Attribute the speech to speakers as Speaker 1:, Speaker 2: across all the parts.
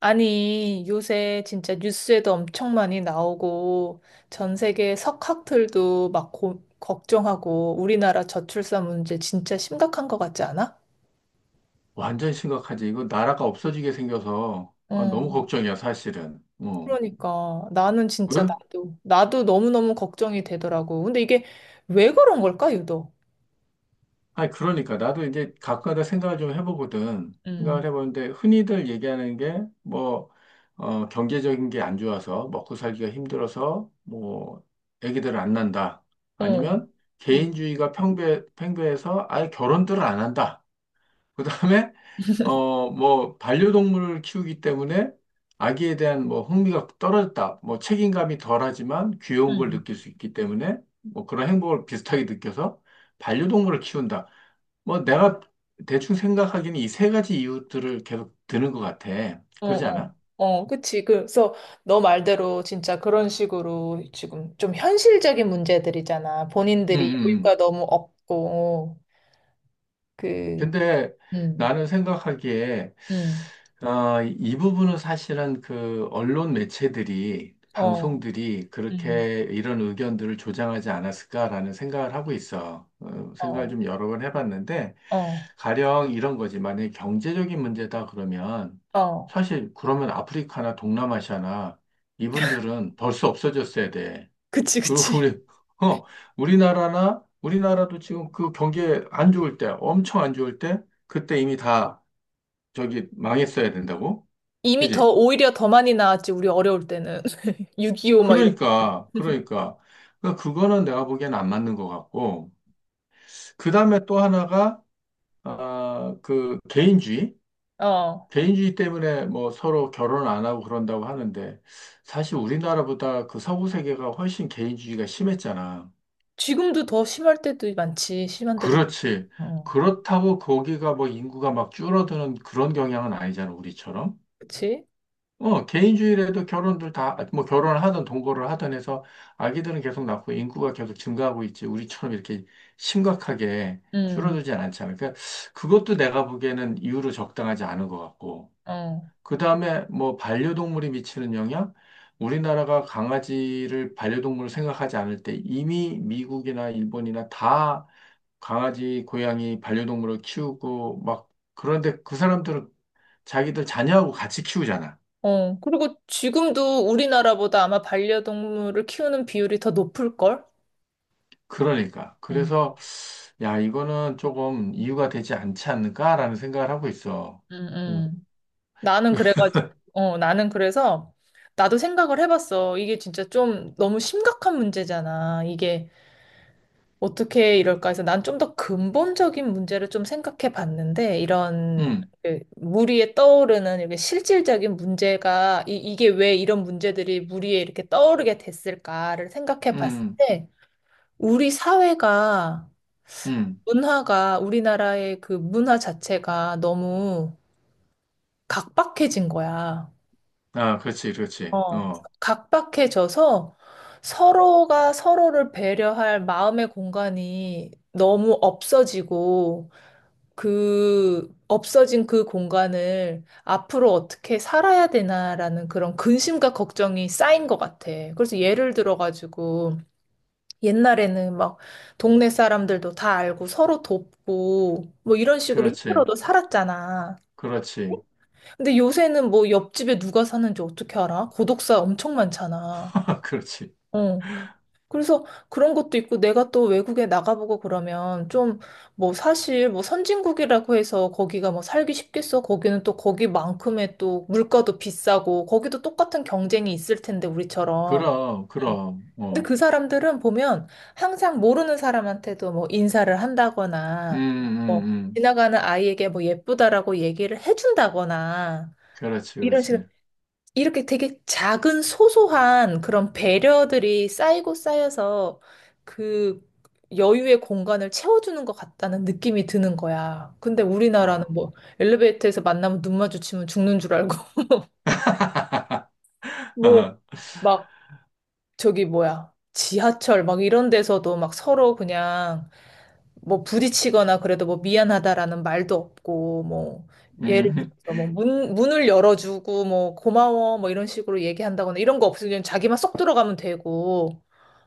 Speaker 1: 아니, 요새 진짜 뉴스에도 엄청 많이 나오고, 전 세계 석학들도 막 걱정하고, 우리나라 저출산 문제 진짜 심각한 것 같지 않아?
Speaker 2: 완전히 심각하지. 이거 나라가 없어지게 생겨서 너무
Speaker 1: 응,
Speaker 2: 걱정이야, 사실은. 어.
Speaker 1: 그러니까. 나는
Speaker 2: 왜?
Speaker 1: 진짜 나도 너무너무 걱정이 되더라고. 근데 이게 왜 그런 걸까, 유독?
Speaker 2: 아니, 그러니까. 나도 이제 가끔가다 생각을 좀 해보거든. 생각을
Speaker 1: 응,
Speaker 2: 해보는데, 흔히들 얘기하는 게, 경제적인 게 안 좋아서, 먹고 살기가 힘들어서, 애기들을 안 낳는다.
Speaker 1: 어,
Speaker 2: 아니면,
Speaker 1: 응,
Speaker 2: 개인주의가 팽배해서 아예 결혼들을 안 한다. 그다음에 반려동물을 키우기 때문에 아기에 대한 흥미가 떨어졌다. 책임감이 덜하지만 귀여운 걸
Speaker 1: 응.
Speaker 2: 느낄 수 있기 때문에 그런 행복을 비슷하게 느껴서 반려동물을 키운다. 내가 대충 생각하기는 이 세 가지 이유들을 계속 드는 것 같아.
Speaker 1: 어,
Speaker 2: 그러지
Speaker 1: 어,
Speaker 2: 않아?
Speaker 1: 어, 그치. 그래서 너 말대로 진짜 그런 식으로 지금 좀 현실적인 문제들이잖아.
Speaker 2: 응,
Speaker 1: 본인들이
Speaker 2: 응.
Speaker 1: 여유가 너무 없고, 그,
Speaker 2: 근데
Speaker 1: 음,
Speaker 2: 나는 생각하기에
Speaker 1: 음,
Speaker 2: 이 부분은 사실은 그 언론 매체들이
Speaker 1: 어,
Speaker 2: 방송들이
Speaker 1: 음,
Speaker 2: 그렇게 이런 의견들을 조장하지 않았을까라는 생각을 하고 있어. 어, 생각을
Speaker 1: 어,
Speaker 2: 좀 여러 번 해봤는데
Speaker 1: 어,
Speaker 2: 가령 이런 거지. 만약에 경제적인 문제다 그러면
Speaker 1: 어.
Speaker 2: 사실 그러면 아프리카나 동남아시아나 이분들은 벌써 없어졌어야 돼.
Speaker 1: 그치,
Speaker 2: 그리고
Speaker 1: 그치.
Speaker 2: 어, 우리나라도 지금 그 경기에 안 좋을 때, 엄청 안 좋을 때, 그때 이미 다 저기 망했어야 된다고? 그지?
Speaker 1: 오히려 더 많이 나왔지, 우리 어려울 때는. 6.25 막 이런.
Speaker 2: 그러니까, 그러니까. 그러니까 그거는 내가 보기엔 안 맞는 것 같고. 그 다음에 또 하나가, 아, 그 개인주의?
Speaker 1: 어.
Speaker 2: 개인주의 때문에 서로 결혼 안 하고 그런다고 하는데, 사실 우리나라보다 그 서구 세계가 훨씬 개인주의가 심했잖아.
Speaker 1: 지금도 더 심할 때도 많지, 심한 때도.
Speaker 2: 그렇지.
Speaker 1: 어,
Speaker 2: 그렇다고 거기가 인구가 막 줄어드는 그런 경향은 아니잖아, 우리처럼.
Speaker 1: 그치?
Speaker 2: 어, 개인주의라도 결혼들 다, 결혼을 하든 동거를 하든 해서 아기들은 계속 낳고 인구가 계속 증가하고 있지. 우리처럼 이렇게 심각하게
Speaker 1: 음,
Speaker 2: 줄어들진 않잖아. 그러니까 그것도 내가 보기에는 이유로 적당하지 않은 것 같고.
Speaker 1: 어.
Speaker 2: 그 다음에 반려동물이 미치는 영향? 우리나라가 강아지를 반려동물로 생각하지 않을 때 이미 미국이나 일본이나 다 강아지, 고양이, 반려동물을 키우고 막 그런데 그 사람들은 자기들 자녀하고 같이 키우잖아.
Speaker 1: 어, 그리고 지금도 우리나라보다 아마 반려동물을 키우는 비율이 더 높을걸?
Speaker 2: 그러니까.
Speaker 1: 응,
Speaker 2: 그래서 야, 이거는 조금 이유가 되지 않지 않을까라는 생각을 하고 있어.
Speaker 1: 응,
Speaker 2: 응,
Speaker 1: 응. 나는 그래가지고, 나는 그래서, 나도 생각을 해봤어. 이게 진짜 좀 너무 심각한 문제잖아. 이게 어떻게 이럴까 해서 난 좀 더 근본적인 문제를 좀 생각해 봤는데, 이런,
Speaker 2: 응.
Speaker 1: 그 무리에 떠오르는 이렇게 실질적인 문제가, 이게 왜 이런 문제들이 무리에 이렇게 떠오르게 됐을까를 생각해 봤을
Speaker 2: 응,
Speaker 1: 때, 우리 사회가
Speaker 2: 응.
Speaker 1: 문화가 우리나라의 그 문화 자체가 너무 각박해진 거야.
Speaker 2: 아, 그렇지, 그렇지.
Speaker 1: 어.
Speaker 2: 어,
Speaker 1: 각박해져서 서로가 서로를 배려할 마음의 공간이 너무 없어지고 그 없어진 그 공간을 앞으로 어떻게 살아야 되나라는 그런 근심과 걱정이 쌓인 것 같아. 그래서 예를 들어가지고 옛날에는 막 동네 사람들도 다 알고 서로 돕고 뭐 이런 식으로
Speaker 2: 그렇지,
Speaker 1: 힘들어도 살았잖아.
Speaker 2: 그렇지,
Speaker 1: 근데 요새는 뭐 옆집에 누가 사는지 어떻게 알아? 고독사 엄청 많잖아.
Speaker 2: 그렇지.
Speaker 1: 어. 그래서 그런 것도 있고 내가 또 외국에 나가보고 그러면 좀 뭐 사실 뭐 선진국이라고 해서 거기가 뭐 살기 쉽겠어? 거기는 또 거기만큼의 또 물가도 비싸고 거기도 똑같은 경쟁이 있을 텐데 우리처럼.
Speaker 2: 그럼, 그럼,
Speaker 1: 근데
Speaker 2: 어.
Speaker 1: 그 사람들은 보면 항상 모르는 사람한테도 뭐 인사를
Speaker 2: 음,
Speaker 1: 한다거나,
Speaker 2: 음,
Speaker 1: 뭐
Speaker 2: 음.
Speaker 1: 지나가는 아이에게 뭐 예쁘다라고 얘기를 해준다거나,
Speaker 2: 그렇지,
Speaker 1: 이런 식으로
Speaker 2: 그렇지.
Speaker 1: 이렇게 되게 작은 소소한 그런 배려들이 쌓이고 쌓여서 그 여유의 공간을 채워주는 것 같다는 느낌이 드는 거야. 근데 우리나라는
Speaker 2: 아.
Speaker 1: 뭐 엘리베이터에서 만나면 눈 마주치면 죽는 줄 알고, 뭐
Speaker 2: 어,
Speaker 1: 막 저기 뭐야. 지하철 막 이런 데서도 막 서로 그냥 뭐 부딪히거나 그래도 뭐 미안하다라는 말도 없고 뭐 예를
Speaker 2: 음,
Speaker 1: 들어서 뭐 문을 열어주고 뭐 고마워 뭐 이런 식으로 얘기한다거나 이런 거 없으면 자기만 쏙 들어가면 되고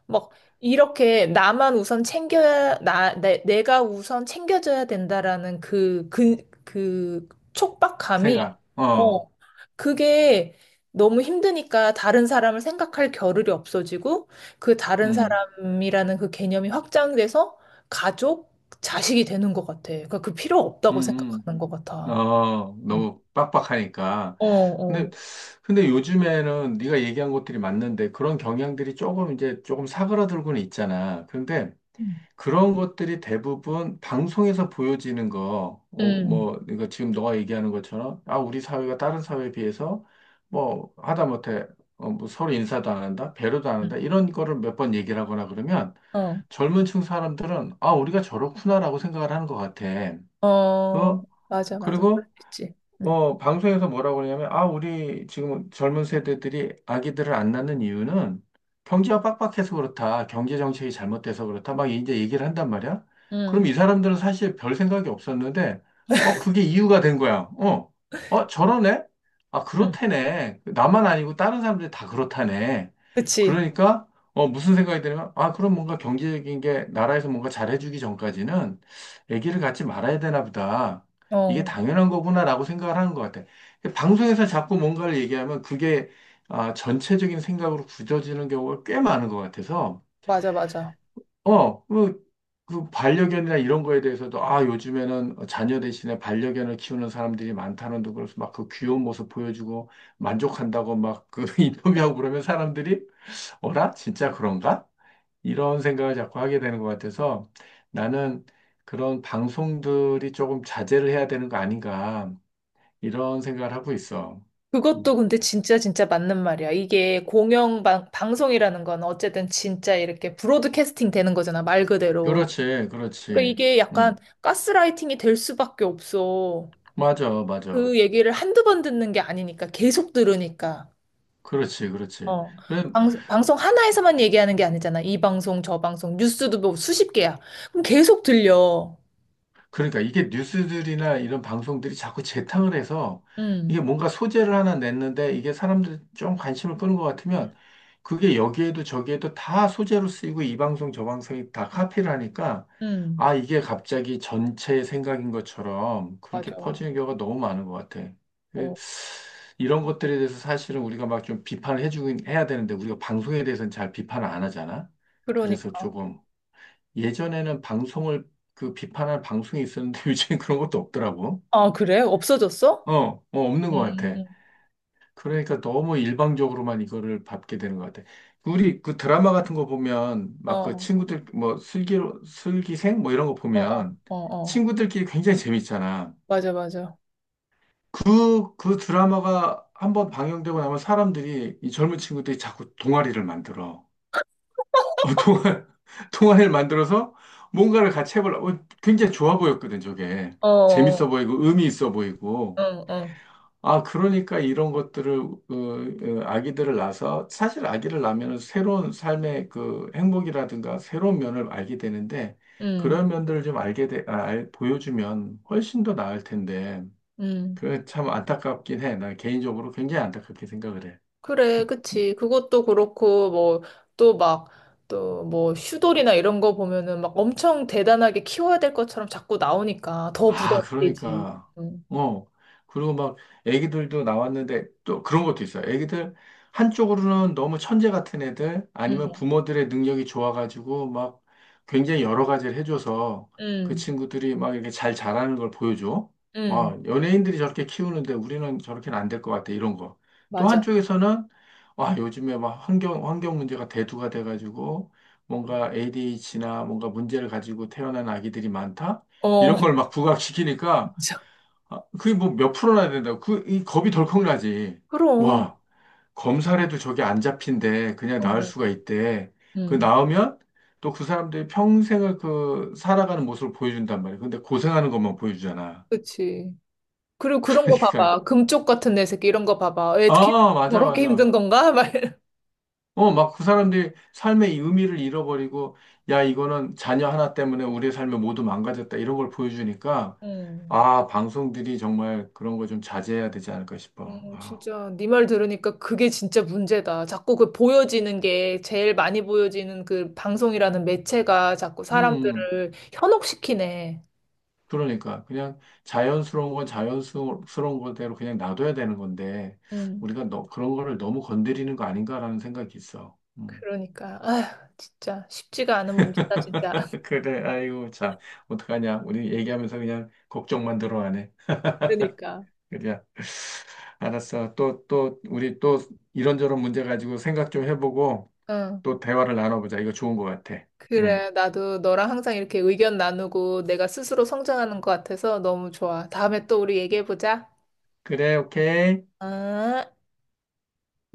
Speaker 1: 막 이렇게 나만 우선 챙겨야 내가 우선 챙겨줘야 된다라는 그 촉박감이
Speaker 2: 생각,
Speaker 1: 어 그게 너무 힘드니까 다른 사람을 생각할 겨를이 없어지고 그 다른
Speaker 2: 음,
Speaker 1: 사람이라는 그 개념이 확장돼서 가족 자식이 되는 것 같아. 그러니까 그 필요 없다고
Speaker 2: 음,
Speaker 1: 생각하는 것 같아.
Speaker 2: 어,
Speaker 1: 음.
Speaker 2: 너무 빡빡하니까.
Speaker 1: 어,
Speaker 2: 근데,
Speaker 1: 어.
Speaker 2: 근데 요즘에는 네가 얘기한 것들이 맞는데 그런 경향들이 조금 사그라들고는 있잖아. 근데
Speaker 1: 음.
Speaker 2: 그런 것들이 대부분 방송에서 보여지는 거,
Speaker 1: 음.
Speaker 2: 그러니까 지금 너가 얘기하는 것처럼, 아, 우리 사회가 다른 사회에 비해서, 하다못해, 서로 인사도 안 한다, 배려도 안
Speaker 1: 음.
Speaker 2: 한다, 이런 거를 몇 번 얘기를 하거나 그러면
Speaker 1: 어.
Speaker 2: 젊은 층 사람들은, 아, 우리가 저렇구나라고 생각을 하는 것 같아.
Speaker 1: 어.
Speaker 2: 어?
Speaker 1: 맞아, 맞아.
Speaker 2: 그리고
Speaker 1: 그렇겠지. 응.
Speaker 2: 방송에서 뭐라고 그러냐면, 아, 우리 지금 젊은 세대들이 아기들을 안 낳는 이유는 경제가 빡빡해서 그렇다. 경제 정책이 잘못돼서 그렇다. 막 이제 얘기를 한단 말이야. 그럼 이 사람들은 사실 별 생각이 없었는데, 어, 그게 이유가 된 거야. 저러네? 아,
Speaker 1: 응.
Speaker 2: 그렇다네. 나만 아니고 다른 사람들이 다 그렇다네.
Speaker 1: 그치?
Speaker 2: 그러니까, 어, 무슨 생각이 드냐면, 아, 그럼 뭔가 경제적인 게 나라에서 뭔가 잘해주기 전까지는 아기를 갖지 말아야 되나 보다. 이게
Speaker 1: 어,
Speaker 2: 당연한 거구나라고 생각을 하는 것 같아. 방송에서 자꾸 뭔가를 얘기하면 그게 아, 전체적인 생각으로 굳어지는 경우가 꽤 많은 것 같아서,
Speaker 1: 맞아, 맞아.
Speaker 2: 어, 그, 그 반려견이나 이런 거에 대해서도, 아, 요즘에는 자녀 대신에 반려견을 키우는 사람들이 많다는 둥 그래서 막 그 귀여운 모습 보여주고 만족한다고 막 그 인터뷰하고 그러면 사람들이, 어라? 진짜 그런가? 이런 생각을 자꾸 하게 되는 것 같아서 나는 그런 방송들이 조금 자제를 해야 되는 거 아닌가. 이런 생각을 하고 있어.
Speaker 1: 그것도
Speaker 2: 음.
Speaker 1: 근데 진짜 진짜 맞는 말이야. 이게 공영 방송이라는 건 어쨌든 진짜 이렇게 브로드캐스팅 되는 거잖아, 말 그대로.
Speaker 2: 그렇지,
Speaker 1: 그러니까
Speaker 2: 그렇지.
Speaker 1: 이게 약간
Speaker 2: 음.
Speaker 1: 가스라이팅이 될 수밖에 없어.
Speaker 2: 맞아, 맞아.
Speaker 1: 그 얘기를 한두 번 듣는 게 아니니까, 계속 들으니까.
Speaker 2: 그렇지, 그렇지.
Speaker 1: 어.
Speaker 2: 그래,
Speaker 1: 방송 하나에서만 얘기하는 게 아니잖아. 이 방송, 저 방송, 뉴스도 뭐 수십 개야. 그럼 계속 들려.
Speaker 2: 그러니까 이게 뉴스들이나 이런 방송들이 자꾸 재탕을 해서 이게
Speaker 1: 음,
Speaker 2: 뭔가 소재를 하나 냈는데 이게 사람들 좀 관심을 끄는 것 같으면 그게 여기에도 저기에도 다 소재로 쓰이고 이 방송 저 방송이 다 카피를 하니까
Speaker 1: 음,
Speaker 2: 아, 이게 갑자기 전체의 생각인 것처럼 그렇게
Speaker 1: 맞아.
Speaker 2: 퍼지는 경우가 너무 많은 것 같아. 그-
Speaker 1: 어,
Speaker 2: 이런 것들에 대해서 사실은 우리가 막 좀 비판을 해주긴 해야 되는데 우리가 방송에 대해서는 잘 비판을 안 하잖아. 그래서
Speaker 1: 그러니까.
Speaker 2: 조금 예전에는 방송을 그 비판할 방송이 있었는데 요즘엔 그런 것도 없더라고.
Speaker 1: 아, 그래? 없어졌어?
Speaker 2: 없는 것
Speaker 1: 음,
Speaker 2: 같아. 그러니까 너무 일방적으로만 이거를 받게 되는 것 같아. 우리 그 드라마 같은 거 보면
Speaker 1: 어,
Speaker 2: 막 그
Speaker 1: 어,
Speaker 2: 친구들 슬기로 슬기생 이런 거
Speaker 1: 어, 어,
Speaker 2: 보면
Speaker 1: 어.
Speaker 2: 친구들끼리 굉장히 재밌잖아.
Speaker 1: 맞아, 맞아.
Speaker 2: 그 드라마가 한번 방영되고 나면 사람들이 이 젊은 친구들이 자꾸 동아리를 만들어. 어, 동화를 만들어서 뭔가를 같이 해보려고. 어, 굉장히 좋아 보였거든, 저게.
Speaker 1: 어, 어,
Speaker 2: 재밌어 보이고, 의미 있어
Speaker 1: 어,
Speaker 2: 보이고.
Speaker 1: 어.
Speaker 2: 아, 그러니까 이런 것들을, 아기들을 낳아서, 사실 아기를 낳으면 새로운 삶의 그 행복이라든가 새로운 면을 알게 되는데,
Speaker 1: 음,
Speaker 2: 그런 면들을 좀 알게 돼, 보여주면 훨씬 더 나을 텐데,
Speaker 1: 음.
Speaker 2: 그참 안타깝긴 해. 나 개인적으로 굉장히 안타깝게 생각을 해.
Speaker 1: 그래, 그치. 그것도 그렇고, 뭐, 또 막, 또 뭐, 슈돌이나 이런 거 보면은 막 엄청 대단하게 키워야 될 것처럼 자꾸 나오니까 더
Speaker 2: 아,
Speaker 1: 부담이 되지.
Speaker 2: 그러니까.
Speaker 1: 음,
Speaker 2: 어. 그리고 막 애기들도 나왔는데 또 그런 것도 있어요. 애기들 한쪽으로는 너무 천재 같은 애들 아니면
Speaker 1: 음,
Speaker 2: 부모들의 능력이 좋아가지고 막 굉장히 여러 가지를 해줘서 그
Speaker 1: 음,
Speaker 2: 친구들이 막 이렇게 잘 자라는 걸 보여줘.
Speaker 1: 음.
Speaker 2: 와, 연예인들이 저렇게 키우는데 우리는 저렇게는 안 될 것 같아. 이런 거. 또
Speaker 1: 맞아.
Speaker 2: 한쪽에서는 와, 요즘에 막 환경 문제가 대두가 돼가지고 뭔가 ADHD나 뭔가 문제를 가지고 태어난 아기들이 많다?
Speaker 1: 어,
Speaker 2: 이런 걸 막 부각시키니까
Speaker 1: 맞아.
Speaker 2: 아, 그게 뭐 몇 프로나 된다고 그 이 겁이 덜컥 나지.
Speaker 1: 그럼.
Speaker 2: 와 검사래도 저게 안 잡힌데 그냥 나을
Speaker 1: 어,
Speaker 2: 수가 있대. 그
Speaker 1: 음.
Speaker 2: 나으면 또 그 사람들이 평생을 그 살아가는 모습을 보여준단 말이야. 근데 고생하는 것만 보여주잖아.
Speaker 1: 그치. 그리고 그런 거
Speaker 2: 그러니까
Speaker 1: 봐봐. 금쪽 같은 내 새끼 이런 거 봐봐.
Speaker 2: 맞아,
Speaker 1: 저렇게
Speaker 2: 맞아.
Speaker 1: 힘든 건가? 막.
Speaker 2: 막 그 사람들이 삶의 이 의미를 잃어버리고 야 이거는 자녀 하나 때문에 우리의 삶이 모두 망가졌다 이런 걸 보여주니까
Speaker 1: 음,
Speaker 2: 아 방송들이 정말 그런 거 좀 자제해야 되지 않을까 싶어. 아.
Speaker 1: 진짜 네 말 들으니까 그게 진짜 문제다. 자꾸 그 보여지는 게 제일 많이 보여지는 그 방송이라는 매체가 자꾸
Speaker 2: 음, 음.
Speaker 1: 사람들을 현혹시키네.
Speaker 2: 그러니까 그냥 자연스러운 건 자연스러운 거대로 그냥 놔둬야 되는 건데
Speaker 1: 음,
Speaker 2: 그런 거를 너무 건드리는 거 아닌가라는 생각이 있어. 음.
Speaker 1: 그러니까 아휴, 진짜 쉽지가 않은 문제다, 진짜.
Speaker 2: 그래, 아이고 참 어떡하냐? 우리 얘기하면서 그냥 걱정만 들어가네.
Speaker 1: 그러니까.
Speaker 2: 그냥 알았어. 또 우리 또 이런저런 문제 가지고 생각 좀 해보고
Speaker 1: 응.
Speaker 2: 또 대화를 나눠보자. 이거 좋은 것 같아. 음.
Speaker 1: 그래, 나도 너랑 항상 이렇게 의견 나누고 내가 스스로 성장하는 것 같아서 너무 좋아. 다음에 또 우리 얘기해보자.
Speaker 2: 그래, 오케이.
Speaker 1: 아.